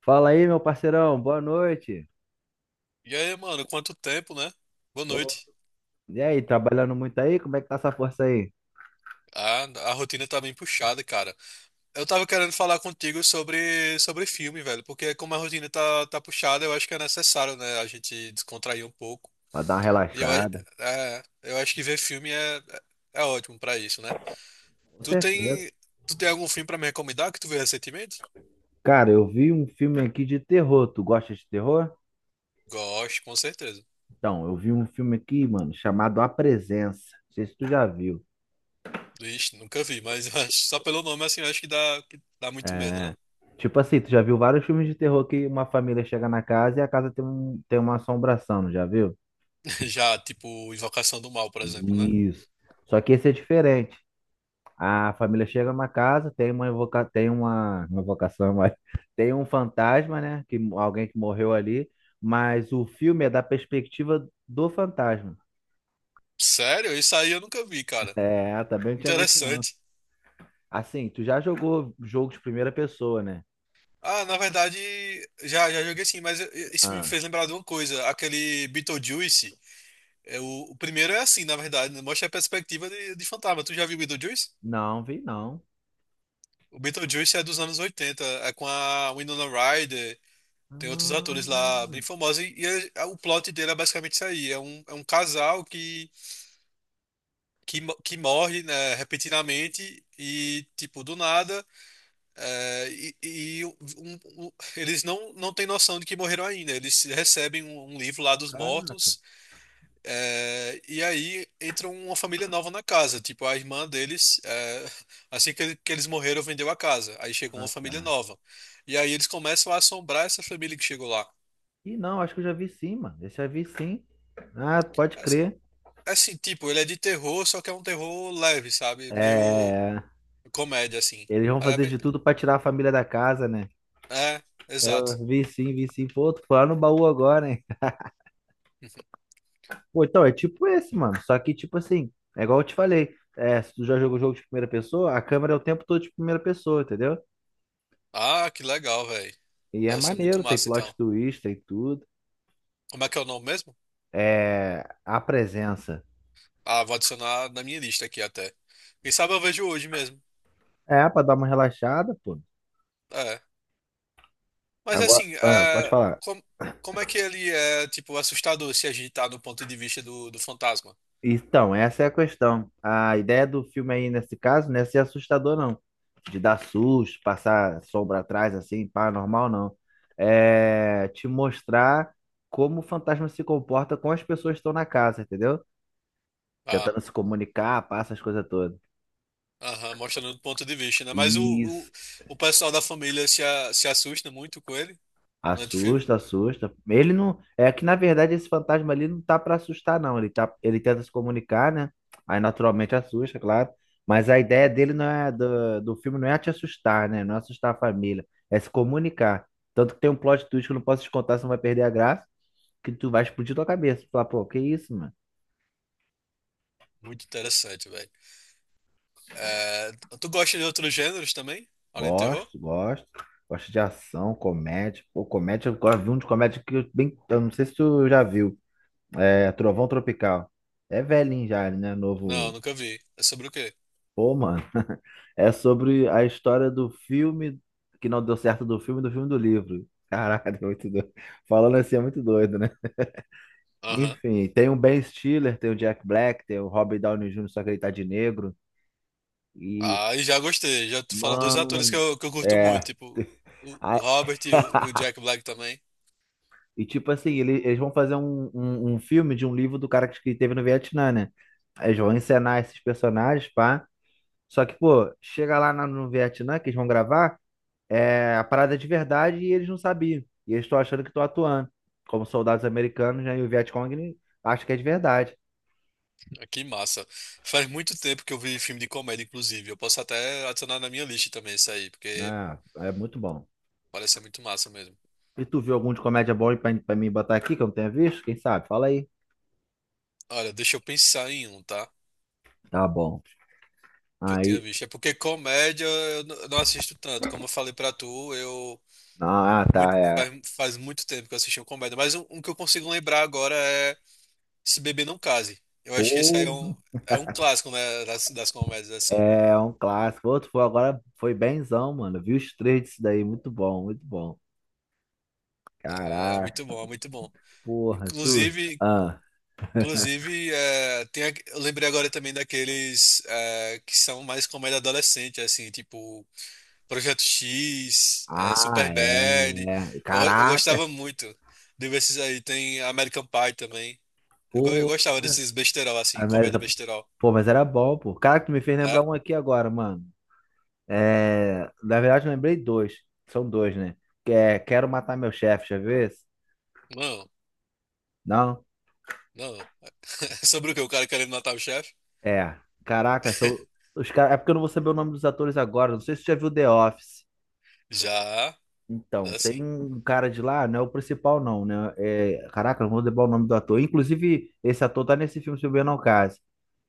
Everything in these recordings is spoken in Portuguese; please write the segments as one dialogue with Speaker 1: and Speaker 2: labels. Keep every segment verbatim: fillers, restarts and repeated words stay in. Speaker 1: Fala aí, meu parceirão, boa noite.
Speaker 2: E aí, mano, quanto tempo, né? Boa
Speaker 1: Pô,
Speaker 2: noite.
Speaker 1: e aí, trabalhando muito aí? Como é que tá essa força aí?
Speaker 2: A, a rotina tá bem puxada, cara. Eu tava querendo falar contigo sobre, sobre filme, velho, porque como a rotina tá, tá puxada, eu acho que é necessário, né, a gente descontrair um pouco.
Speaker 1: Pra dar uma
Speaker 2: E eu, a-
Speaker 1: relaxada.
Speaker 2: é, eu acho que ver filme é, é ótimo pra isso, né?
Speaker 1: Com
Speaker 2: Tu
Speaker 1: certeza.
Speaker 2: tem, tu tem algum filme pra me recomendar que tu viu recentemente?
Speaker 1: Cara, eu vi um filme aqui de terror. Tu gosta de terror?
Speaker 2: Gosto, com certeza.
Speaker 1: Então, eu vi um filme aqui, mano, chamado A Presença. Não sei se tu já viu.
Speaker 2: Ixi, nunca vi, mas eu acho- só pelo nome, assim, eu acho que dá, que dá muito medo,
Speaker 1: É.
Speaker 2: né?
Speaker 1: Tipo assim, tu já viu vários filmes de terror que uma família chega na casa e a casa tem um, tem uma assombração, não já viu?
Speaker 2: Já, tipo, Invocação do Mal, por exemplo, né?
Speaker 1: Isso. Só que esse é diferente. A família chega numa casa, tem uma invoca... tem uma, uma invocação, mas tem um fantasma, né? Que alguém que morreu ali, mas o filme é da perspectiva do fantasma.
Speaker 2: Sério? Isso aí eu nunca vi, cara.
Speaker 1: É, também não tinha visto não.
Speaker 2: Interessante.
Speaker 1: Assim, tu já jogou jogo de primeira pessoa, né?
Speaker 2: Ah, na verdade, já, já joguei sim, mas eu- eu- isso me
Speaker 1: Ah,
Speaker 2: fez lembrar de uma coisa. Aquele Beetlejuice, é o, o primeiro é assim, na verdade, né? Mostra a perspectiva de, de fantasma. Tu já viu Beetlejuice?
Speaker 1: não, vi não.
Speaker 2: O Beetlejuice é dos anos oitenta, é com a Winona Ryder, tem outros atores lá bem
Speaker 1: Ah,
Speaker 2: famosos, e, e é- é, o plot dele é basicamente isso aí. É um, é um casal que, que, mo- que morre, né, repentinamente e, tipo, do nada. É, e e o- um- o- Eles não, não têm noção de que morreram ainda. Eles recebem um, um livro lá dos
Speaker 1: caraca.
Speaker 2: mortos, é, e aí entra uma família nova na casa. Tipo, a irmã deles, é, assim que ele- que eles morreram, vendeu a casa. Aí chegou uma
Speaker 1: Ah,
Speaker 2: família
Speaker 1: tá.
Speaker 2: nova. E aí eles começam a assombrar essa família que chegou lá.
Speaker 1: Ih, não, acho que eu já vi sim, mano. Esse eu já vi sim. Ah, pode
Speaker 2: As-
Speaker 1: crer.
Speaker 2: Assim, tipo, ele é de terror, só que é um terror leve, sabe? Meio
Speaker 1: É,
Speaker 2: comédia, assim.
Speaker 1: eles vão
Speaker 2: Mas é,
Speaker 1: fazer
Speaker 2: bem-
Speaker 1: de tudo pra tirar a família da casa, né?
Speaker 2: é, exato.
Speaker 1: Eu vi sim, vi sim. Pô, tu foi lá no baú agora, hein? Pô, então é tipo esse, mano. Só que, tipo assim, é igual eu te falei. É, se tu já jogou jogo de primeira pessoa, a câmera é o tempo todo de primeira pessoa, entendeu?
Speaker 2: Ah, que legal, velho.
Speaker 1: E é
Speaker 2: Deve ser muito
Speaker 1: maneiro, tem
Speaker 2: massa,
Speaker 1: plot
Speaker 2: então.
Speaker 1: twist, tem tudo.
Speaker 2: Como é que é o nome mesmo?
Speaker 1: É, a presença.
Speaker 2: Ah, vou adicionar na minha lista aqui até. Quem sabe eu vejo hoje mesmo.
Speaker 1: É, pra dar uma relaxada, pô.
Speaker 2: É. Mas
Speaker 1: Agora,
Speaker 2: assim,
Speaker 1: ah, pode
Speaker 2: é,
Speaker 1: falar.
Speaker 2: com- como é que ele é, tipo, assustador se a gente tá no ponto de vista do, do fantasma?
Speaker 1: Então, essa é a questão. A ideia do filme aí, nesse caso, não é ser assustador, não. De dar susto, passar sombra atrás, assim, paranormal, não. É te mostrar como o fantasma se comporta com as pessoas que estão na casa, entendeu?
Speaker 2: Ah,
Speaker 1: Tentando se comunicar, passa as coisas todas.
Speaker 2: aham, mostrando do ponto de vista, né? Mas o, o,
Speaker 1: Isso.
Speaker 2: o pessoal da família se, a- se assusta muito com ele durante o filme?
Speaker 1: Assusta, assusta. Ele não. É que na verdade esse fantasma ali não tá pra assustar, não. Ele tá... ele tenta se comunicar, né? Aí naturalmente assusta, claro. Mas a ideia dele não é do... do filme não é te assustar, né? Não é assustar a família. É se comunicar. Tanto que tem um plot twist que eu não posso te contar, senão vai perder a graça, que tu vai explodir tua cabeça. Falar, pô, que isso, mano?
Speaker 2: Muito interessante, velho. É, tu gosta de outros gêneros também? Além do terror?
Speaker 1: Gosto, gosto. Gosto de ação, comédia. Pô, comédia, eu gosto de um de comédia que eu bem. Eu não sei se tu já viu. É Trovão Tropical. É velhinho já, né?
Speaker 2: Não,
Speaker 1: Novo.
Speaker 2: nunca vi. É sobre o quê?
Speaker 1: Pô, mano, é sobre a história do filme que não deu certo do filme, do filme do livro. Caralho, é muito doido. Falando assim é muito doido, né?
Speaker 2: Aham.
Speaker 1: Enfim, tem o Ben Stiller, tem o Jack Black, tem o Robert Downey júnior, só que ele tá de negro. E,
Speaker 2: Ah, e já gostei. Já tu fala dois atores que
Speaker 1: mano,
Speaker 2: eu, que eu curto muito,
Speaker 1: é.
Speaker 2: tipo o o
Speaker 1: A-
Speaker 2: Robert e o, e o Jack Black também.
Speaker 1: E tipo assim, ele- eles vão fazer um, um, um filme de um livro do cara que que teve no Vietnã, né? Aí eles vão encenar esses personagens, pá. Só que, pô, chega lá na- no Vietnã que eles vão gravar. É a parada é de verdade e eles não sabiam. E eles estão achando que estão atuando. Como soldados americanos, né? E o Vietcong acha que é de verdade.
Speaker 2: Ah, que massa. Faz muito tempo que eu vi filme de comédia, inclusive. Eu posso até adicionar na minha lista também isso aí, porque
Speaker 1: Né, é muito bom.
Speaker 2: parece ser muito massa mesmo.
Speaker 1: E tu viu algum de comédia bom aí pra, pra mim botar aqui que eu não tenha visto? Quem sabe? Fala aí.
Speaker 2: Olha, deixa eu pensar em um, tá?
Speaker 1: Tá bom.
Speaker 2: Que eu tinha
Speaker 1: Aí.
Speaker 2: visto. É porque comédia eu n- eu não assisto tanto. Como eu falei pra tu, eu.
Speaker 1: Ah, tá,
Speaker 2: Muito,
Speaker 1: é.
Speaker 2: faz, Faz muito tempo que eu assisti um comédia, mas um, um que eu consigo lembrar agora é Se Beber Não Case. Eu acho que esse aí é
Speaker 1: Porra.
Speaker 2: um, é um clássico, né, das, das comédias, assim.
Speaker 1: É um clássico. Outro foi agora, foi benzão, mano. Eu vi os três disso daí. Muito bom, muito bom.
Speaker 2: É, é muito
Speaker 1: Caraca.
Speaker 2: bom, é muito bom.
Speaker 1: Porra, tu.
Speaker 2: Inclusive,
Speaker 1: Ah,
Speaker 2: inclusive é, tem, a- eu lembrei agora também daqueles, é, que são mais comédia adolescente, assim, tipo Projeto X, é,
Speaker 1: ah, é.
Speaker 2: Superbad.
Speaker 1: É.
Speaker 2: Eu, eu
Speaker 1: Caraca.
Speaker 2: gostava muito desses aí. Tem American Pie também. Eu, go- eu
Speaker 1: Porra.
Speaker 2: gostava desses besterol, assim,
Speaker 1: Ah, mas-
Speaker 2: comédia besterol.
Speaker 1: Pô, mas era bom, pô. Cara, que tu me fez lembrar
Speaker 2: Né?
Speaker 1: um aqui agora, mano. É... Na verdade, eu lembrei dois. São dois, né? Que é Quero Matar Meu Chefe, já viu esse?
Speaker 2: Não,
Speaker 1: Não?
Speaker 2: não. Sobre o que? O cara querendo matar o chefe?
Speaker 1: É. Caraca, são... Os cara... É porque eu não vou saber o nome dos atores agora. Não sei se você já viu The Office.
Speaker 2: Já,
Speaker 1: Então,
Speaker 2: já sim.
Speaker 1: tem um cara de lá, não é o principal, não, né? É... Caraca, não vou lembrar o nome do ator. Inclusive, esse ator tá nesse filme, se eu bem não caso.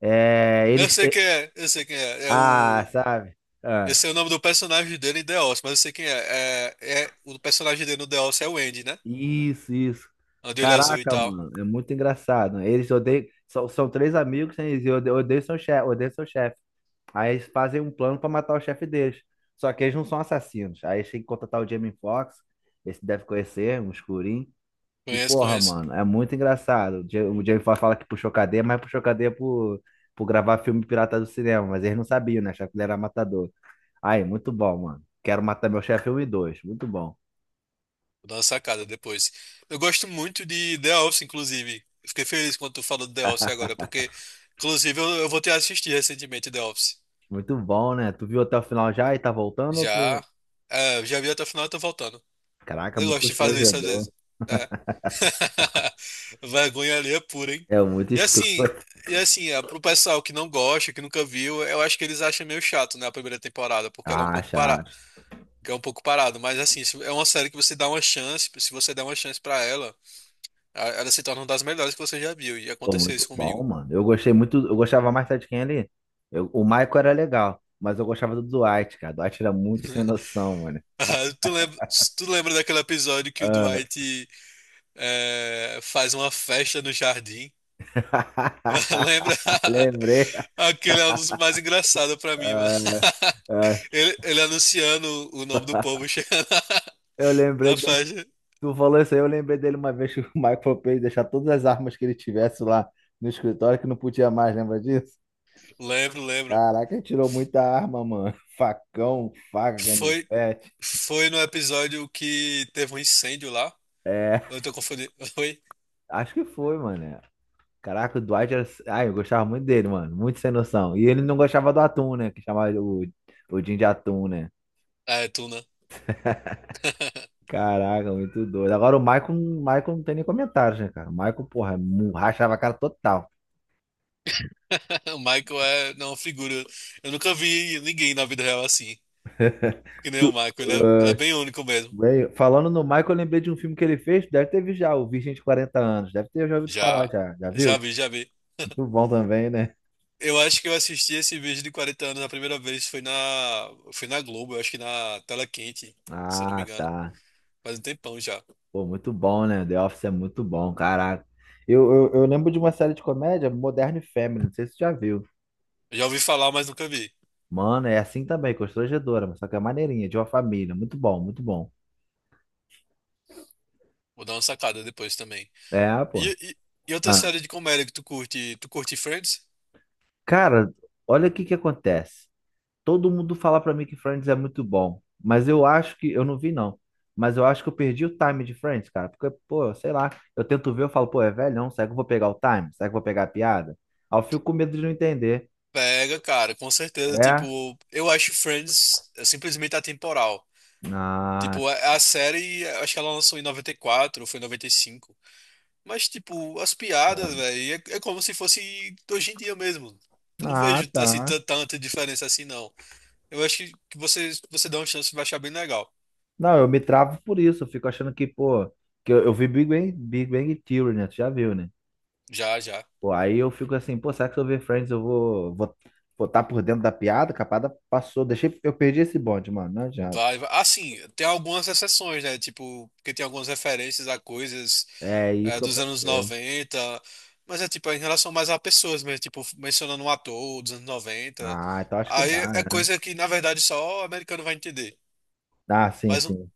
Speaker 1: É...
Speaker 2: Eu
Speaker 1: Eles...
Speaker 2: sei
Speaker 1: é,
Speaker 2: quem é, eu sei quem é. É
Speaker 1: Ah,
Speaker 2: o.
Speaker 1: sabe?
Speaker 2: Eu
Speaker 1: Ah.
Speaker 2: sei o nome do personagem dele em The Office, mas eu sei quem é. É, é... O personagem dele no The Office é o Andy, né?
Speaker 1: Isso, isso.
Speaker 2: O de olho azul e
Speaker 1: Caraca,
Speaker 2: tal.
Speaker 1: mano, é muito engraçado. Eles odeiam. São, são três amigos, né? Eles odeiam, odeiam seu chefe, odeiam seu chefe. Aí eles fazem um plano pra matar o chefe deles. Só que eles não são assassinos. Aí eles têm que contratar o Jamie Foxx. Esse deve conhecer, um escurinho. E
Speaker 2: Conheço,
Speaker 1: porra,
Speaker 2: conheço.
Speaker 1: mano, é muito engraçado. O Ja- o Jamie Foxx fala que puxou cadeia, mas puxou cadeia por, por gravar filme pirata do cinema. Mas eles não sabiam, né? Achavam que ele era matador. Aí, muito bom, mano. Quero matar meu chefe um e dois. Muito bom.
Speaker 2: Vou dar uma sacada depois. Eu gosto muito de The Office, inclusive. Eu fiquei feliz quando tu falou do The Office agora, porque, inclusive, eu, eu voltei a assistir recentemente The Office.
Speaker 1: Muito bom, né? Tu viu até o final já e tá voltando? Ou
Speaker 2: Já.
Speaker 1: tu...
Speaker 2: É, eu já vi até o final e tô voltando.
Speaker 1: Caraca,
Speaker 2: Eu
Speaker 1: muito
Speaker 2: gosto de fazer isso às
Speaker 1: constrangedor.
Speaker 2: vezes. É. Vergonha alheia pura, hein?
Speaker 1: É muito
Speaker 2: E assim,
Speaker 1: escroto.
Speaker 2: e assim, é, pro pessoal que não gosta, que nunca viu, eu acho que eles acham meio chato, né, a primeira temporada, porque ela é um pouco
Speaker 1: Acha,
Speaker 2: parada,
Speaker 1: acha.
Speaker 2: é um pouco parado, mas assim, se- é uma série que você dá uma chance, se você der uma chance pra ela, a- ela se torna uma das melhores que você já viu, e
Speaker 1: Pô,
Speaker 2: aconteceu
Speaker 1: muito
Speaker 2: isso
Speaker 1: bom,
Speaker 2: comigo.
Speaker 1: mano. Eu gostei muito. Eu gostava mais sabe de quem ali? Eu- o Michael era legal, mas eu gostava do Dwight, cara. O Dwight era muito sem noção, mano.
Speaker 2: Ah, Tu lembra, tu lembra daquele episódio que o
Speaker 1: Ah.
Speaker 2: Dwight é, faz uma festa no jardim? Lembra?
Speaker 1: Lembrei.
Speaker 2: Aquele é um dos mais engraçados pra mim, mano.
Speaker 1: Ah, ah,
Speaker 2: Ele, ele anunciando o nome do povo chegando
Speaker 1: eu
Speaker 2: na,
Speaker 1: lembrei
Speaker 2: na
Speaker 1: dele.
Speaker 2: faixa.
Speaker 1: Tu falou isso aí, eu lembrei dele uma vez que o Michael fez deixar todas as armas que ele tivesse lá no escritório que não podia mais, lembra disso?
Speaker 2: Lembro, lembro.
Speaker 1: Caraca, tirou muita arma, mano. Facão, faca,
Speaker 2: Foi,
Speaker 1: canivete.
Speaker 2: foi no episódio que teve um incêndio lá.
Speaker 1: É,
Speaker 2: Eu tô confundindo. Oi?
Speaker 1: acho que foi, mano. Caraca, o Dwight era. Ai, eu gostava muito dele, mano. Muito sem noção. E ele não gostava do atum, né? Que chamava o, o Jim de atum, né?
Speaker 2: Ah, é tu, né?
Speaker 1: Caraca, muito doido. Agora o Michael, o Michael não tem nem comentários, né, cara? O Michael, porra, mu- rachava a cara total.
Speaker 2: O Michael é não, uma figura. Eu nunca vi ninguém na vida real assim. Que nem o
Speaker 1: Tu-
Speaker 2: Michael. Ele é, ele é
Speaker 1: ah,
Speaker 2: bem único mesmo.
Speaker 1: Bem, falando no Michael, eu lembrei de um filme que ele fez, deve ter visto já, o Virgem de Quarenta Anos. Deve ter já ouvido falar
Speaker 2: Já,
Speaker 1: já. Já
Speaker 2: já
Speaker 1: viu?
Speaker 2: vi, já vi.
Speaker 1: Muito bom também, né?
Speaker 2: Eu acho que eu assisti esse vídeo de quarenta anos a primeira vez foi na, foi na Globo, eu acho que na Tela Quente, se eu não me
Speaker 1: Ah,
Speaker 2: engano.
Speaker 1: tá.
Speaker 2: Faz um tempão já.
Speaker 1: Pô, muito bom, né? The Office é muito bom, caraca. Eu, eu, eu lembro de uma série de comédia, Modern Family, não sei se você já viu.
Speaker 2: Eu já ouvi falar, mas nunca vi.
Speaker 1: Mano, é assim também, constrangedora, mas só que é maneirinha, de uma família. Muito bom, muito bom.
Speaker 2: Vou dar uma sacada depois também.
Speaker 1: É, pô.
Speaker 2: E, e, e outra
Speaker 1: Ah,
Speaker 2: série de comédia que tu curte? Tu curte Friends?
Speaker 1: cara, olha o que que acontece. Todo mundo fala pra mim que Friends é muito bom, mas eu acho que. Eu não vi, não. Mas eu acho que eu perdi o time de Friends, cara. Porque, pô, sei lá. Eu tento ver, eu falo, pô, é velhão, será que eu vou pegar o time? Será que eu vou pegar a piada? Aí eu fico com medo de não entender.
Speaker 2: Pega, cara, com certeza.
Speaker 1: É?
Speaker 2: Tipo, eu acho Friends é, simplesmente atemporal.
Speaker 1: Ah,
Speaker 2: Tipo, a, a série, acho que ela lançou em noventa e quatro ou foi em noventa e cinco. Mas, tipo, as piadas, velho, é, é como se fosse de hoje em dia mesmo. Eu não
Speaker 1: ah,
Speaker 2: vejo, assim,
Speaker 1: tá.
Speaker 2: tan- tanta diferença assim, não. Eu acho que, que você, você dá uma chance, vai achar bem legal.
Speaker 1: Não, eu me travo por isso. Eu fico achando que, pô, que eu, eu vi Big Bang, Big Bang Theory, né? Tu já viu, né?
Speaker 2: Já, já.
Speaker 1: Pô, aí eu fico assim, pô, será que se eu ver Friends eu vou, vou, vou tá por dentro da piada? Capada passou, deixei, eu perdi esse bonde, mano. Não adianta.
Speaker 2: Vai, vai. Assim, tem algumas exceções, né? Tipo, porque tem algumas referências a coisas,
Speaker 1: É isso
Speaker 2: eh,
Speaker 1: que eu
Speaker 2: dos anos
Speaker 1: pensei.
Speaker 2: noventa, mas é tipo em relação mais a pessoas mesmo, tipo, mencionando um ator dos anos noventa.
Speaker 1: Ah, então acho que dá,
Speaker 2: Aí é
Speaker 1: né?
Speaker 2: coisa que, na verdade, só o americano vai entender.
Speaker 1: Ah, sim,
Speaker 2: Mas, não-
Speaker 1: sim.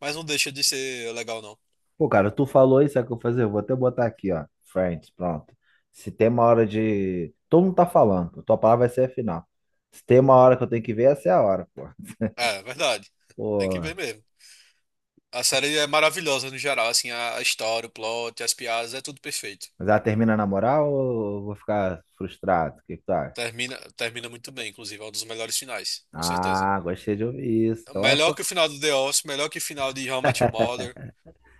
Speaker 2: mas não deixa de ser legal, não.
Speaker 1: Pô, cara, tu falou isso, sabe o que eu vou fazer? Eu vou até botar aqui, ó. Friends, pronto. Se tem uma hora de. Todo mundo tá falando, pô. Tua palavra vai ser a final. Se tem uma hora que eu tenho que ver, essa é a hora, pô.
Speaker 2: É, verdade. Tem que
Speaker 1: Pô.
Speaker 2: ver mesmo. A série é maravilhosa no geral, assim, a a história, o plot, as piadas, é tudo perfeito.
Speaker 1: Mas ela termina na moral ou eu vou ficar frustrado? O que que tu acha?
Speaker 2: Termina, termina muito bem, inclusive, é um dos melhores finais, com certeza.
Speaker 1: Ah, gostei de ouvir isso. Então eu
Speaker 2: Melhor
Speaker 1: acho.
Speaker 2: que o final do The Office, melhor que o final de How I Met Your Mother.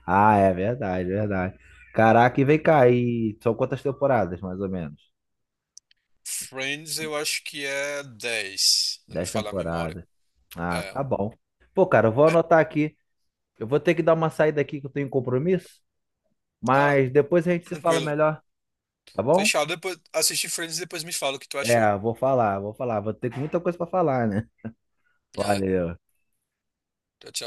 Speaker 1: Ah, é verdade, verdade. Caraca, e vem cá, e são quantas temporadas, mais ou menos?
Speaker 2: Friends, eu acho que é dez, não me
Speaker 1: Dez
Speaker 2: falha a memória.
Speaker 1: temporadas. Ah,
Speaker 2: É.
Speaker 1: tá bom. Pô, cara, eu vou
Speaker 2: É.
Speaker 1: anotar aqui. Eu vou ter que dar uma saída aqui que eu tenho um compromisso,
Speaker 2: Ah,
Speaker 1: mas depois a gente se fala
Speaker 2: tranquilo.
Speaker 1: melhor, tá bom?
Speaker 2: Fechado, depois assiste Friends e depois me fala o que tu achou.
Speaker 1: É, vou falar, vou falar. Vou ter muita coisa pra falar, né?
Speaker 2: É,
Speaker 1: Valeu.
Speaker 2: tchau, tchau.